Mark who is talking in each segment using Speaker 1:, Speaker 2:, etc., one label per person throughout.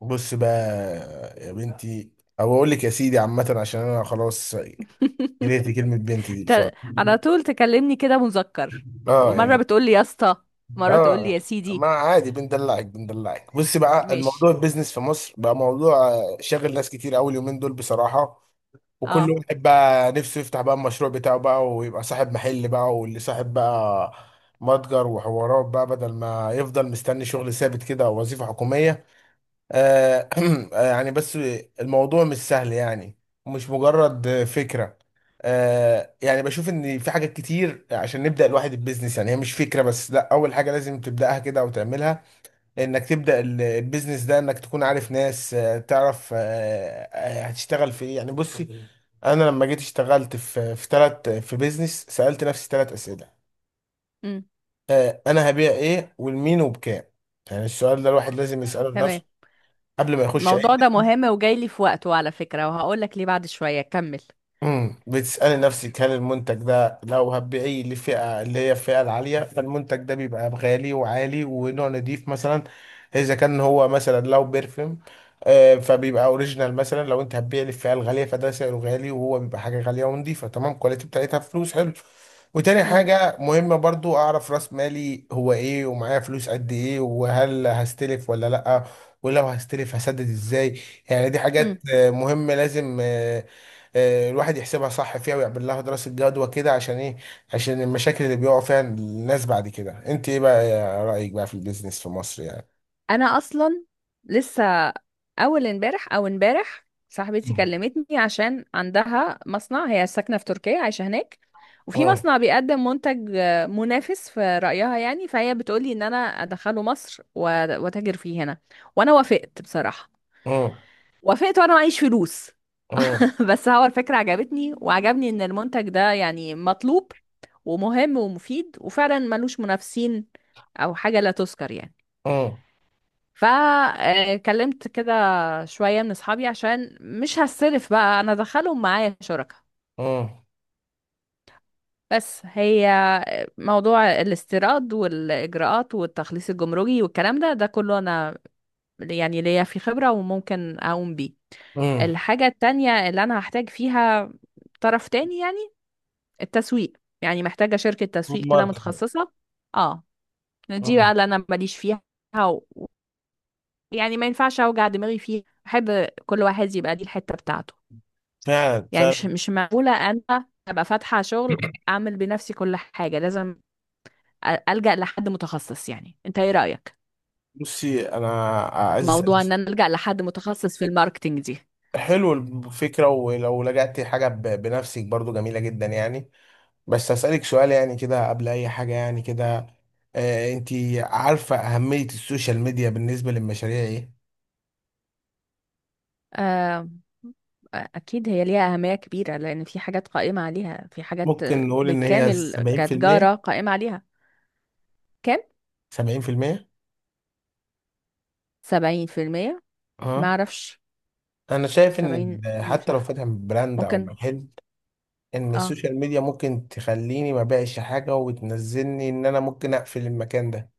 Speaker 1: بص بقى يا بنتي، او اقول لك يا سيدي عامه، عشان انا خلاص جريت كلمه بنتي دي
Speaker 2: ت-
Speaker 1: بسرعه.
Speaker 2: على طول تكلمني كده مذكر،
Speaker 1: اه،
Speaker 2: مرة
Speaker 1: يعني
Speaker 2: بتقولي يا اسطى، مرة تقولي
Speaker 1: اه
Speaker 2: يا
Speaker 1: ما
Speaker 2: سيدي.
Speaker 1: عادي بندلعك بندلعك. بص بقى، الموضوع
Speaker 2: ماشي.
Speaker 1: البيزنس في مصر بقى موضوع شاغل ناس كتير قوي اليومين دول، بصراحه. وكل
Speaker 2: اه.
Speaker 1: واحد بقى نفسه يفتح بقى المشروع بتاعه بقى، ويبقى صاحب محل بقى، واللي صاحب بقى متجر وحوارات بقى، بدل ما يفضل مستني شغل ثابت كده او وظيفه حكوميه. آه، يعني بس الموضوع مش سهل يعني، مش مجرد فكرة. يعني بشوف ان في حاجات كتير عشان نبدأ الواحد البيزنس، يعني هي مش فكرة بس، لا اول حاجة لازم تبدأها كده او تعملها. انك تبدأ البيزنس ده، انك تكون عارف ناس، تعرف، هتشتغل في ايه يعني. بصي، انا لما جيت اشتغلت في بيزنس، سألت نفسي ثلاث أسئلة.
Speaker 2: امم.
Speaker 1: انا هبيع ايه، ولمين، وبكام. يعني السؤال ده الواحد لازم يسأله
Speaker 2: تمام.
Speaker 1: لنفسه قبل ما يخش.
Speaker 2: الموضوع ده مهم وجاي لي في وقته على فكرة، وهقول لك ليه بعد شوية. كمل.
Speaker 1: بتسألي نفسك، هل المنتج ده لو هتبيعيه لفئة اللي هي الفئة العالية، فالمنتج ده بيبقى غالي وعالي ونوع نضيف مثلا. إذا كان هو مثلا لو بيرفيوم، فبيبقى اوريجينال. مثلا لو انت هتبيع للفئة الغالية فده سعره غالي، وهو بيبقى حاجة غالية ونضيفة. تمام، كواليتي بتاعتها، فلوس حلو. وتاني حاجة مهمة برضو، أعرف راس مالي هو إيه، ومعايا فلوس قد إيه، وهل هستلف ولا لأ. ولو هستلف هسدد إزاي؟ يعني دي حاجات
Speaker 2: امم.
Speaker 1: مهمة، لازم الواحد يحسبها صح فيها، ويعمل لها دراسة جدوى كده. عشان ايه؟ عشان المشاكل اللي بيقعوا فيها الناس بعد كده. انت ايه بقى يا رأيك بقى في البيزنس في مصر يعني؟
Speaker 2: انا اصلا لسه اول امبارح او امبارح صاحبتي
Speaker 1: مم.
Speaker 2: كلمتني عشان عندها مصنع، هي ساكنه في تركيا عايشه هناك، وفي
Speaker 1: امم.
Speaker 2: مصنع بيقدم منتج منافس في رايها يعني. فهي بتقولي ان انا ادخله مصر واتاجر فيه هنا، وانا وافقت بصراحه.
Speaker 1: امم.
Speaker 2: وافقت وانا معيش فلوس.
Speaker 1: امم.
Speaker 2: بس هو الفكره عجبتني، وعجبني ان المنتج ده يعني مطلوب ومهم ومفيد، وفعلا ملوش منافسين او حاجه لا تذكر يعني.
Speaker 1: امم.
Speaker 2: فكلمت كده شوية من اصحابي عشان مش هصرف بقى، انا ادخلهم معايا شركة.
Speaker 1: امم.
Speaker 2: بس هي موضوع الاستيراد والاجراءات والتخليص الجمركي والكلام ده، ده كله انا يعني ليا في خبرة وممكن اقوم بيه.
Speaker 1: امم.
Speaker 2: الحاجة التانية اللي انا هحتاج فيها طرف تاني يعني التسويق، يعني محتاجة شركة تسويق كده
Speaker 1: ماركتنج.
Speaker 2: متخصصة. اه. دي
Speaker 1: امم.
Speaker 2: بقى اللي انا ماليش فيها، يعني ما ينفعش اوجع دماغي فيه. احب كل واحد يبقى دي الحتة بتاعته.
Speaker 1: فعلا
Speaker 2: يعني مش
Speaker 1: فعلا.
Speaker 2: مش معقولة انا ابقى فاتحة شغل اعمل بنفسي كل حاجة. لازم الجأ لحد متخصص. يعني انت ايه رأيك
Speaker 1: بصي انا عايز.
Speaker 2: موضوع ان انا الجأ لحد متخصص في الماركتينج دي؟
Speaker 1: حلو الفكره. ولو لجأت حاجه بنفسك برضو جميله جدا يعني. بس هسألك سؤال يعني كده قبل اي حاجه يعني كده. آه، انت عارفه اهميه السوشيال ميديا بالنسبه للمشاريع ايه؟
Speaker 2: آه، أكيد هي ليها أهمية كبيرة، لأن في حاجات قائمة عليها، في حاجات
Speaker 1: ممكن نقول ان هي
Speaker 2: بالكامل
Speaker 1: 70%؟
Speaker 2: كتجارة قائمة عليها. كام؟
Speaker 1: 70%.
Speaker 2: سبعين في المية؟
Speaker 1: اه،
Speaker 2: معرفش.
Speaker 1: انا شايف ان
Speaker 2: سبعين مش
Speaker 1: حتى لو
Speaker 2: عارفة.
Speaker 1: فاتح براند او
Speaker 2: ممكن.
Speaker 1: محل، ان
Speaker 2: اه.
Speaker 1: السوشيال ميديا ممكن تخليني ما بقاش حاجه، وتنزلني ان انا ممكن اقفل المكان ده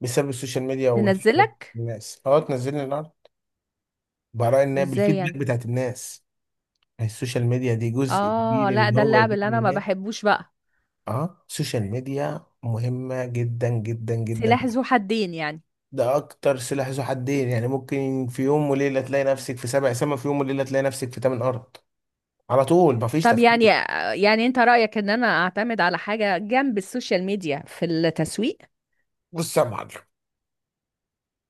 Speaker 1: بسبب السوشيال ميديا والفيدباك.
Speaker 2: تنزلك
Speaker 1: الناس اه تنزلني الارض. برأي ان هي
Speaker 2: ازاي
Speaker 1: بالفيدباك
Speaker 2: يعني؟
Speaker 1: بتاعت الناس، السوشيال ميديا دي جزء
Speaker 2: اه
Speaker 1: كبير
Speaker 2: لا،
Speaker 1: ان
Speaker 2: ده
Speaker 1: هو
Speaker 2: اللعب
Speaker 1: يجيب
Speaker 2: اللي
Speaker 1: لي
Speaker 2: انا ما
Speaker 1: ناس.
Speaker 2: بحبوش بقى.
Speaker 1: اه، السوشيال ميديا مهمه جدا جدا جدا.
Speaker 2: سلاح ذو حدين يعني.
Speaker 1: ده اكتر سلاح ذو حدين يعني. ممكن في يوم وليله تلاقي نفسك في سبع سما، في يوم وليله تلاقي نفسك في تمن ارض على طول، مفيش
Speaker 2: طب يعني،
Speaker 1: تفكير.
Speaker 2: يعني انت رأيك ان انا اعتمد على حاجة جنب السوشيال ميديا في التسويق؟
Speaker 1: بص يا معلم،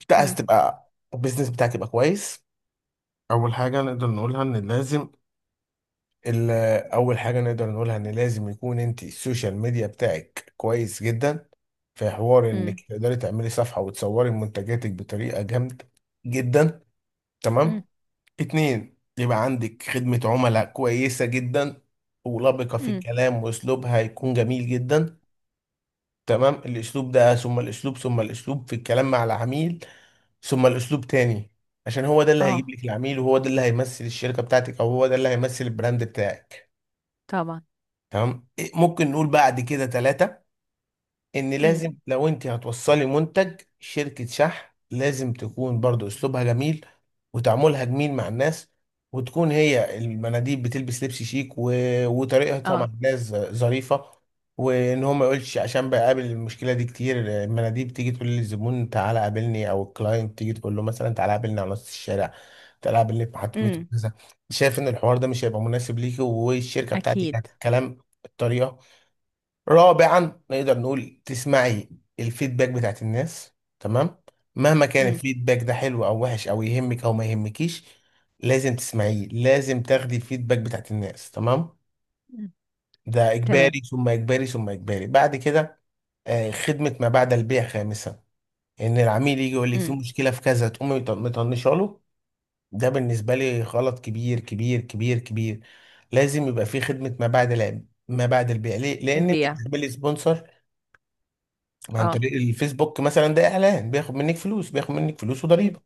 Speaker 1: انت عايز
Speaker 2: امم.
Speaker 1: تبقى البيزنس بتاعك يبقى كويس. اول حاجه نقدر نقولها ان لازم ال- اول حاجه نقدر نقولها ان لازم يكون انت السوشيال ميديا بتاعك كويس جدا. في حوار
Speaker 2: امم.
Speaker 1: انك تقدري تعملي صفحه، وتصوري منتجاتك بطريقه جامده جدا. تمام.
Speaker 2: امم.
Speaker 1: اتنين، يبقى عندك خدمة عملاء كويسة جدا ولبقة في
Speaker 2: امم.
Speaker 1: الكلام، واسلوبها يكون جميل جدا. تمام، الاسلوب ده، ثم الاسلوب، ثم الاسلوب في الكلام مع العميل، ثم الاسلوب تاني. عشان هو ده اللي هيجيب
Speaker 2: اه
Speaker 1: لك العميل، وهو ده اللي هيمثل الشركة بتاعتك، او هو ده اللي هيمثل البراند بتاعك.
Speaker 2: طبعا.
Speaker 1: تمام. ممكن نقول بعد كده ثلاثة، ان
Speaker 2: امم.
Speaker 1: لازم لو انت هتوصلي منتج شركة شحن، لازم تكون برضو اسلوبها جميل، وتعاملها جميل مع الناس. وتكون هي المناديب بتلبس لبس شيك، و... وطريقتها مع
Speaker 2: اه.
Speaker 1: الناس ظريفة. وان هو ما يقولش، عشان بقابل المشكلة دي كتير. المناديب تيجي تقول للزبون تعالى قابلني، او الكلاينت تيجي تقول له مثلا تعالى قابلني على نص الشارع، تعالى قابلني في محطة مترو
Speaker 2: امم.
Speaker 1: كذا. شايف ان الحوار ده مش هيبقى مناسب ليكي، والشركة بتاعتك
Speaker 2: اكيد.
Speaker 1: هتتكلم الطريقة. رابعا، نقدر نقول تسمعي الفيدباك بتاعت الناس. تمام، مهما كان
Speaker 2: امم.
Speaker 1: الفيدباك ده حلو او وحش، او يهمك او ما يهمكيش، لازم تسمعيه. لازم تاخدي الفيدباك بتاعت الناس، تمام. ده
Speaker 2: تمام.
Speaker 1: اجباري ثم اجباري ثم اجباري بعد كده. خدمة ما بعد البيع خامسا. ان العميل يجي يقول لك في
Speaker 2: امم
Speaker 1: مشكلة في كذا، تقومي مطنشه له. ده بالنسبة لي غلط كبير كبير كبير كبير. لازم يبقى في خدمة ما بعد ما بعد البيع. ليه؟ لأن أنت
Speaker 2: البيع.
Speaker 1: بتعملي سبونسر عن
Speaker 2: اه.
Speaker 1: طريق الفيسبوك مثلا. ده اعلان بياخد منك فلوس، بياخد منك فلوس وضريبه.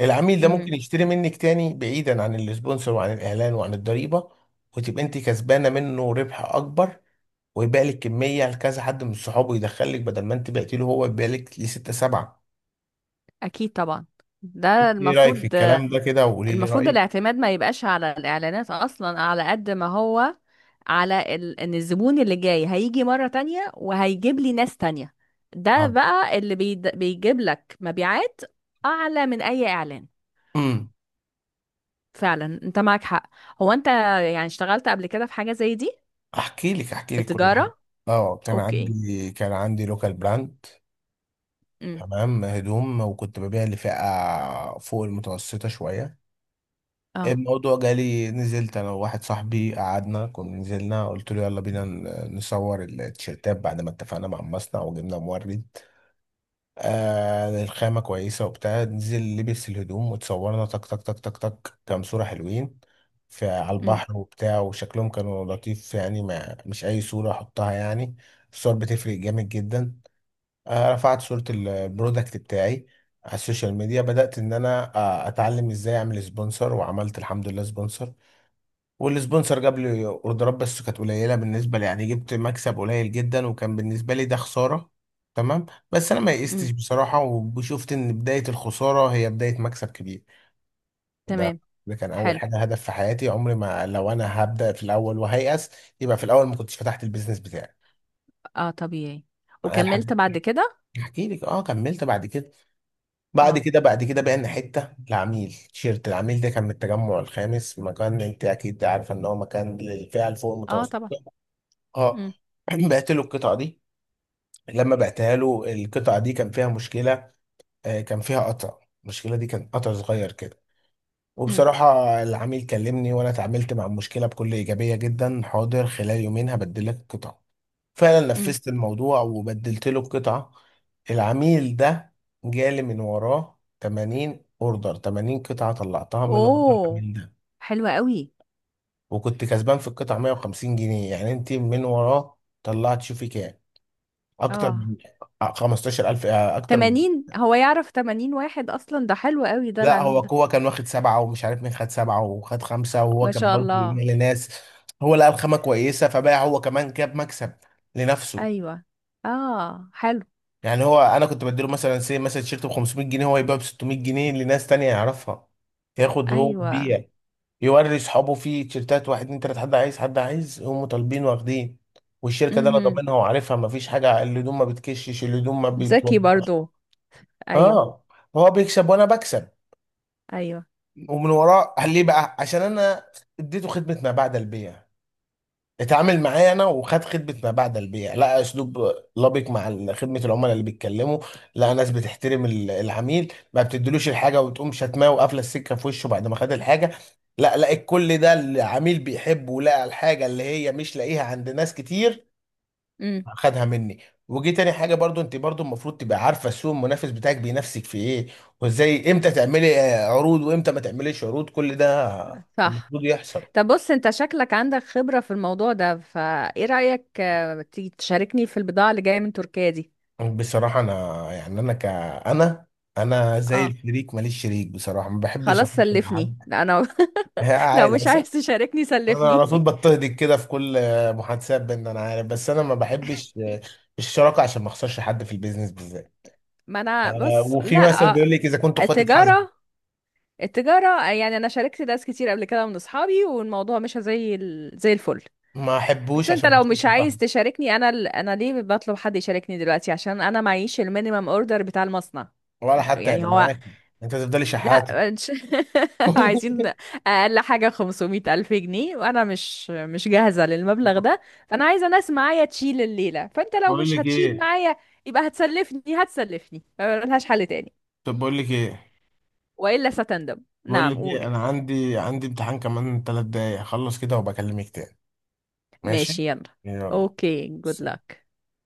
Speaker 1: العميل ده
Speaker 2: امم.
Speaker 1: ممكن يشتري منك تاني بعيدا عن السبونسر وعن الاعلان وعن الضريبه، وتبقى انت كسبانه منه ربح اكبر. ويبقى لك كميه، لكذا حد من صحابه يدخلك، بدل ما انت بعتي له، هو يبقى لك لسته سبعه.
Speaker 2: اكيد طبعا، ده
Speaker 1: انت ايه رايك في
Speaker 2: المفروض.
Speaker 1: الكلام ده كده؟ وقولي لي
Speaker 2: المفروض
Speaker 1: رايك.
Speaker 2: الاعتماد ما يبقاش على الإعلانات أصلا، على قد ما هو على إن الزبون اللي جاي هيجي مرة تانية وهيجيب لي ناس تانية. ده
Speaker 1: اه.
Speaker 2: بقى اللي بيجيب لك مبيعات أعلى من أي إعلان.
Speaker 1: امم.
Speaker 2: فعلا أنت معك حق. هو أنت يعني اشتغلت قبل كده في حاجة زي دي؟
Speaker 1: احكي لك كل حاجه.
Speaker 2: بالتجارة.
Speaker 1: اه، كان
Speaker 2: أوكي.
Speaker 1: عندي كان عندي لوكال براند.
Speaker 2: امم.
Speaker 1: تمام، هدوم. وكنت ببيع لفئه فوق المتوسطه شويه.
Speaker 2: اه.
Speaker 1: الموضوع جالي، نزلت انا وواحد صاحبي، قعدنا، كنا نزلنا قلت له يلا بينا نصور التيشيرتات بعد ما اتفقنا مع المصنع وجبنا مورد. الخامة كويسة وبتاع. نزل لبس الهدوم وتصورنا تك تك تك تك تك، كام صورة حلوين في على
Speaker 2: امم.
Speaker 1: البحر وبتاع. وشكلهم كانوا لطيف يعني، ما مش أي صورة أحطها يعني. الصور بتفرق جامد جدا. رفعت صورة البرودكت بتاعي على السوشيال ميديا. بدأت إن أنا أتعلم إزاي أعمل سبونسر، وعملت الحمد لله سبونسر. والسبونسر جاب لي اوردرات، بس كانت قليله بالنسبه لي، يعني جبت مكسب قليل جدا، وكان بالنسبه لي ده خساره. تمام، بس انا ما يئستش
Speaker 2: امم.
Speaker 1: بصراحه، وشفت ان بدايه الخساره هي بدايه مكسب كبير. ده
Speaker 2: تمام.
Speaker 1: ده كان اول
Speaker 2: حلو.
Speaker 1: حاجه، هدف في حياتي. عمري ما، لو انا هبدا في الاول وهيأس، يبقى في الاول ما كنتش فتحت البيزنس بتاعي
Speaker 2: اه طبيعي.
Speaker 1: معايا
Speaker 2: وكملت
Speaker 1: لحد.
Speaker 2: بعد كده.
Speaker 1: احكي لك؟ اه، كملت بعد كده. بعد
Speaker 2: اه.
Speaker 1: كده بعد كده بقينا حته. العميل ده كان من التجمع الخامس، مكان انت اكيد عارفه ان هو مكان للفئه اللي فوق
Speaker 2: اه
Speaker 1: المتوسطه.
Speaker 2: طبعا.
Speaker 1: اه.
Speaker 2: امم.
Speaker 1: بعت له القطعه دي. لما بعتها له القطعه دي كان فيها مشكله. كان فيها قطع، المشكله دي كان قطع صغير كده،
Speaker 2: امم.
Speaker 1: وبصراحه. العميل كلمني، وانا اتعاملت مع المشكله بكل ايجابيه جدا. حاضر، خلال يومين هبدل لك القطعه. فعلا
Speaker 2: امم.
Speaker 1: نفذت الموضوع وبدلت له القطعه. العميل ده جالي من وراه 80 اوردر، 80 قطعه طلعتها من ورا
Speaker 2: اوه.
Speaker 1: العميل ده.
Speaker 2: حلوة قوي.
Speaker 1: وكنت كسبان في القطعه 150 جنيه. يعني انت من وراه طلعت شوفي كام؟ اكتر
Speaker 2: اه.
Speaker 1: من 15000. آه، اكتر من
Speaker 2: 80، هو يعرف 80 واحد اصلا؟ ده حلو قوي ده
Speaker 1: لا، هو
Speaker 2: العميل ده.
Speaker 1: هو كان واخد سبعه، ومش عارف مين خد سبعه وخد خمسه، وهو
Speaker 2: ما
Speaker 1: كان
Speaker 2: شاء
Speaker 1: برضه بيبيع
Speaker 2: الله.
Speaker 1: لناس. هو لقى الخامه كويسه، فباع هو كمان، جاب مكسب لنفسه.
Speaker 2: ايوه. اه حلو.
Speaker 1: يعني هو انا كنت بديله مثلا، سي مثلا تيشيرت ب 500 جنيه، هو يبيعه ب 600 جنيه لناس تانية يعرفها. ياخد هو
Speaker 2: ايوه.
Speaker 1: يبيع. يوري اصحابه فيه تيشيرتات، واحد اتنين تلاته، حد عايز، هم طالبين واخدين. والشركه دي انا
Speaker 2: امم.
Speaker 1: ضامنها وعارفها، مفيش حاجه. الهدوم ما بتكشش، الهدوم ما
Speaker 2: ذكي
Speaker 1: بتوضحش.
Speaker 2: برضو. ايوه.
Speaker 1: اه، هو بيكسب وانا بكسب،
Speaker 2: ايوه.
Speaker 1: ومن وراه. قال ليه بقى؟ عشان انا اديته خدمه ما بعد البيع. اتعامل معايا انا، وخد خدمه ما بعد البيع، لقى اسلوب لبق مع خدمه العملاء اللي بيتكلموا، لقى ناس بتحترم العميل، ما بتديلوش الحاجه وتقوم شتماه وقافله السكه في وشه بعد ما خد الحاجه. لا، لقى كل ده العميل بيحبه، ولقى الحاجه اللي هي مش لاقيها عند ناس كتير.
Speaker 2: امم.
Speaker 1: خدها مني. وجي تاني حاجه برضو. انت برضو المفروض تبقى عارفه السوق المنافس بتاعك بينافسك في ايه، وازاي. امتى تعملي عروض، وامتى ما تعمليش عروض، كل ده
Speaker 2: صح.
Speaker 1: المفروض يحصل.
Speaker 2: طب بص، انت شكلك عندك خبرة في الموضوع ده، فايه رأيك تيجي تشاركني في البضاعة اللي جاية من تركيا دي؟
Speaker 1: بصراحه انا، يعني انا ك انا انا زي
Speaker 2: اه
Speaker 1: الشريك، ماليش شريك بصراحه. ما بحبش
Speaker 2: خلاص
Speaker 1: اخش مع
Speaker 2: سلفني.
Speaker 1: حد.
Speaker 2: لا انا لو
Speaker 1: عادي.
Speaker 2: مش عايز تشاركني
Speaker 1: انا على
Speaker 2: سلفني.
Speaker 1: طول بضطهدك كده في كل محادثات، بان انا عارف. بس انا ما بحبش الشراكه عشان ما اخسرش حد في البيزنس بالذات.
Speaker 2: ما انا بص،
Speaker 1: وفي
Speaker 2: لا
Speaker 1: مثل بيقول لك اذا كنتوا اخوات اتحاسبوا،
Speaker 2: التجارة التجارة يعني أنا شاركت ناس كتير قبل كده من أصحابي، والموضوع مش زي زي الفل.
Speaker 1: ما
Speaker 2: بس
Speaker 1: احبوش
Speaker 2: أنت
Speaker 1: عشان ما
Speaker 2: لو مش
Speaker 1: اخسرش
Speaker 2: عايز
Speaker 1: صاحبي،
Speaker 2: تشاركني، أنا أنا ليه بطلب حد يشاركني دلوقتي؟ عشان أنا معيش المينيمم أوردر بتاع المصنع.
Speaker 1: ولا حتى
Speaker 2: يعني
Speaker 1: هيبقى
Speaker 2: هو
Speaker 1: معاكي انت تفضلي
Speaker 2: لا،
Speaker 1: شحاتة.
Speaker 2: مش- عايزين أقل حاجة 500 ألف جنيه، وأنا مش جاهزة للمبلغ ده. فأنا عايزة ناس معايا تشيل الليلة، فأنت لو
Speaker 1: بقول
Speaker 2: مش
Speaker 1: لك
Speaker 2: هتشيل
Speaker 1: ايه
Speaker 2: معايا يبقى هتسلفني. هتسلفني ملهاش حل تاني،
Speaker 1: طب بقول لك ايه
Speaker 2: وإلا ستندم.
Speaker 1: بقول لك
Speaker 2: نعم
Speaker 1: ايه
Speaker 2: قول.
Speaker 1: انا عندي امتحان كمان 3 دقايق، اخلص كده وبكلمك تاني. ماشي،
Speaker 2: ماشي. يلا.
Speaker 1: يلا.
Speaker 2: اوكي جود
Speaker 1: سلام.
Speaker 2: لك.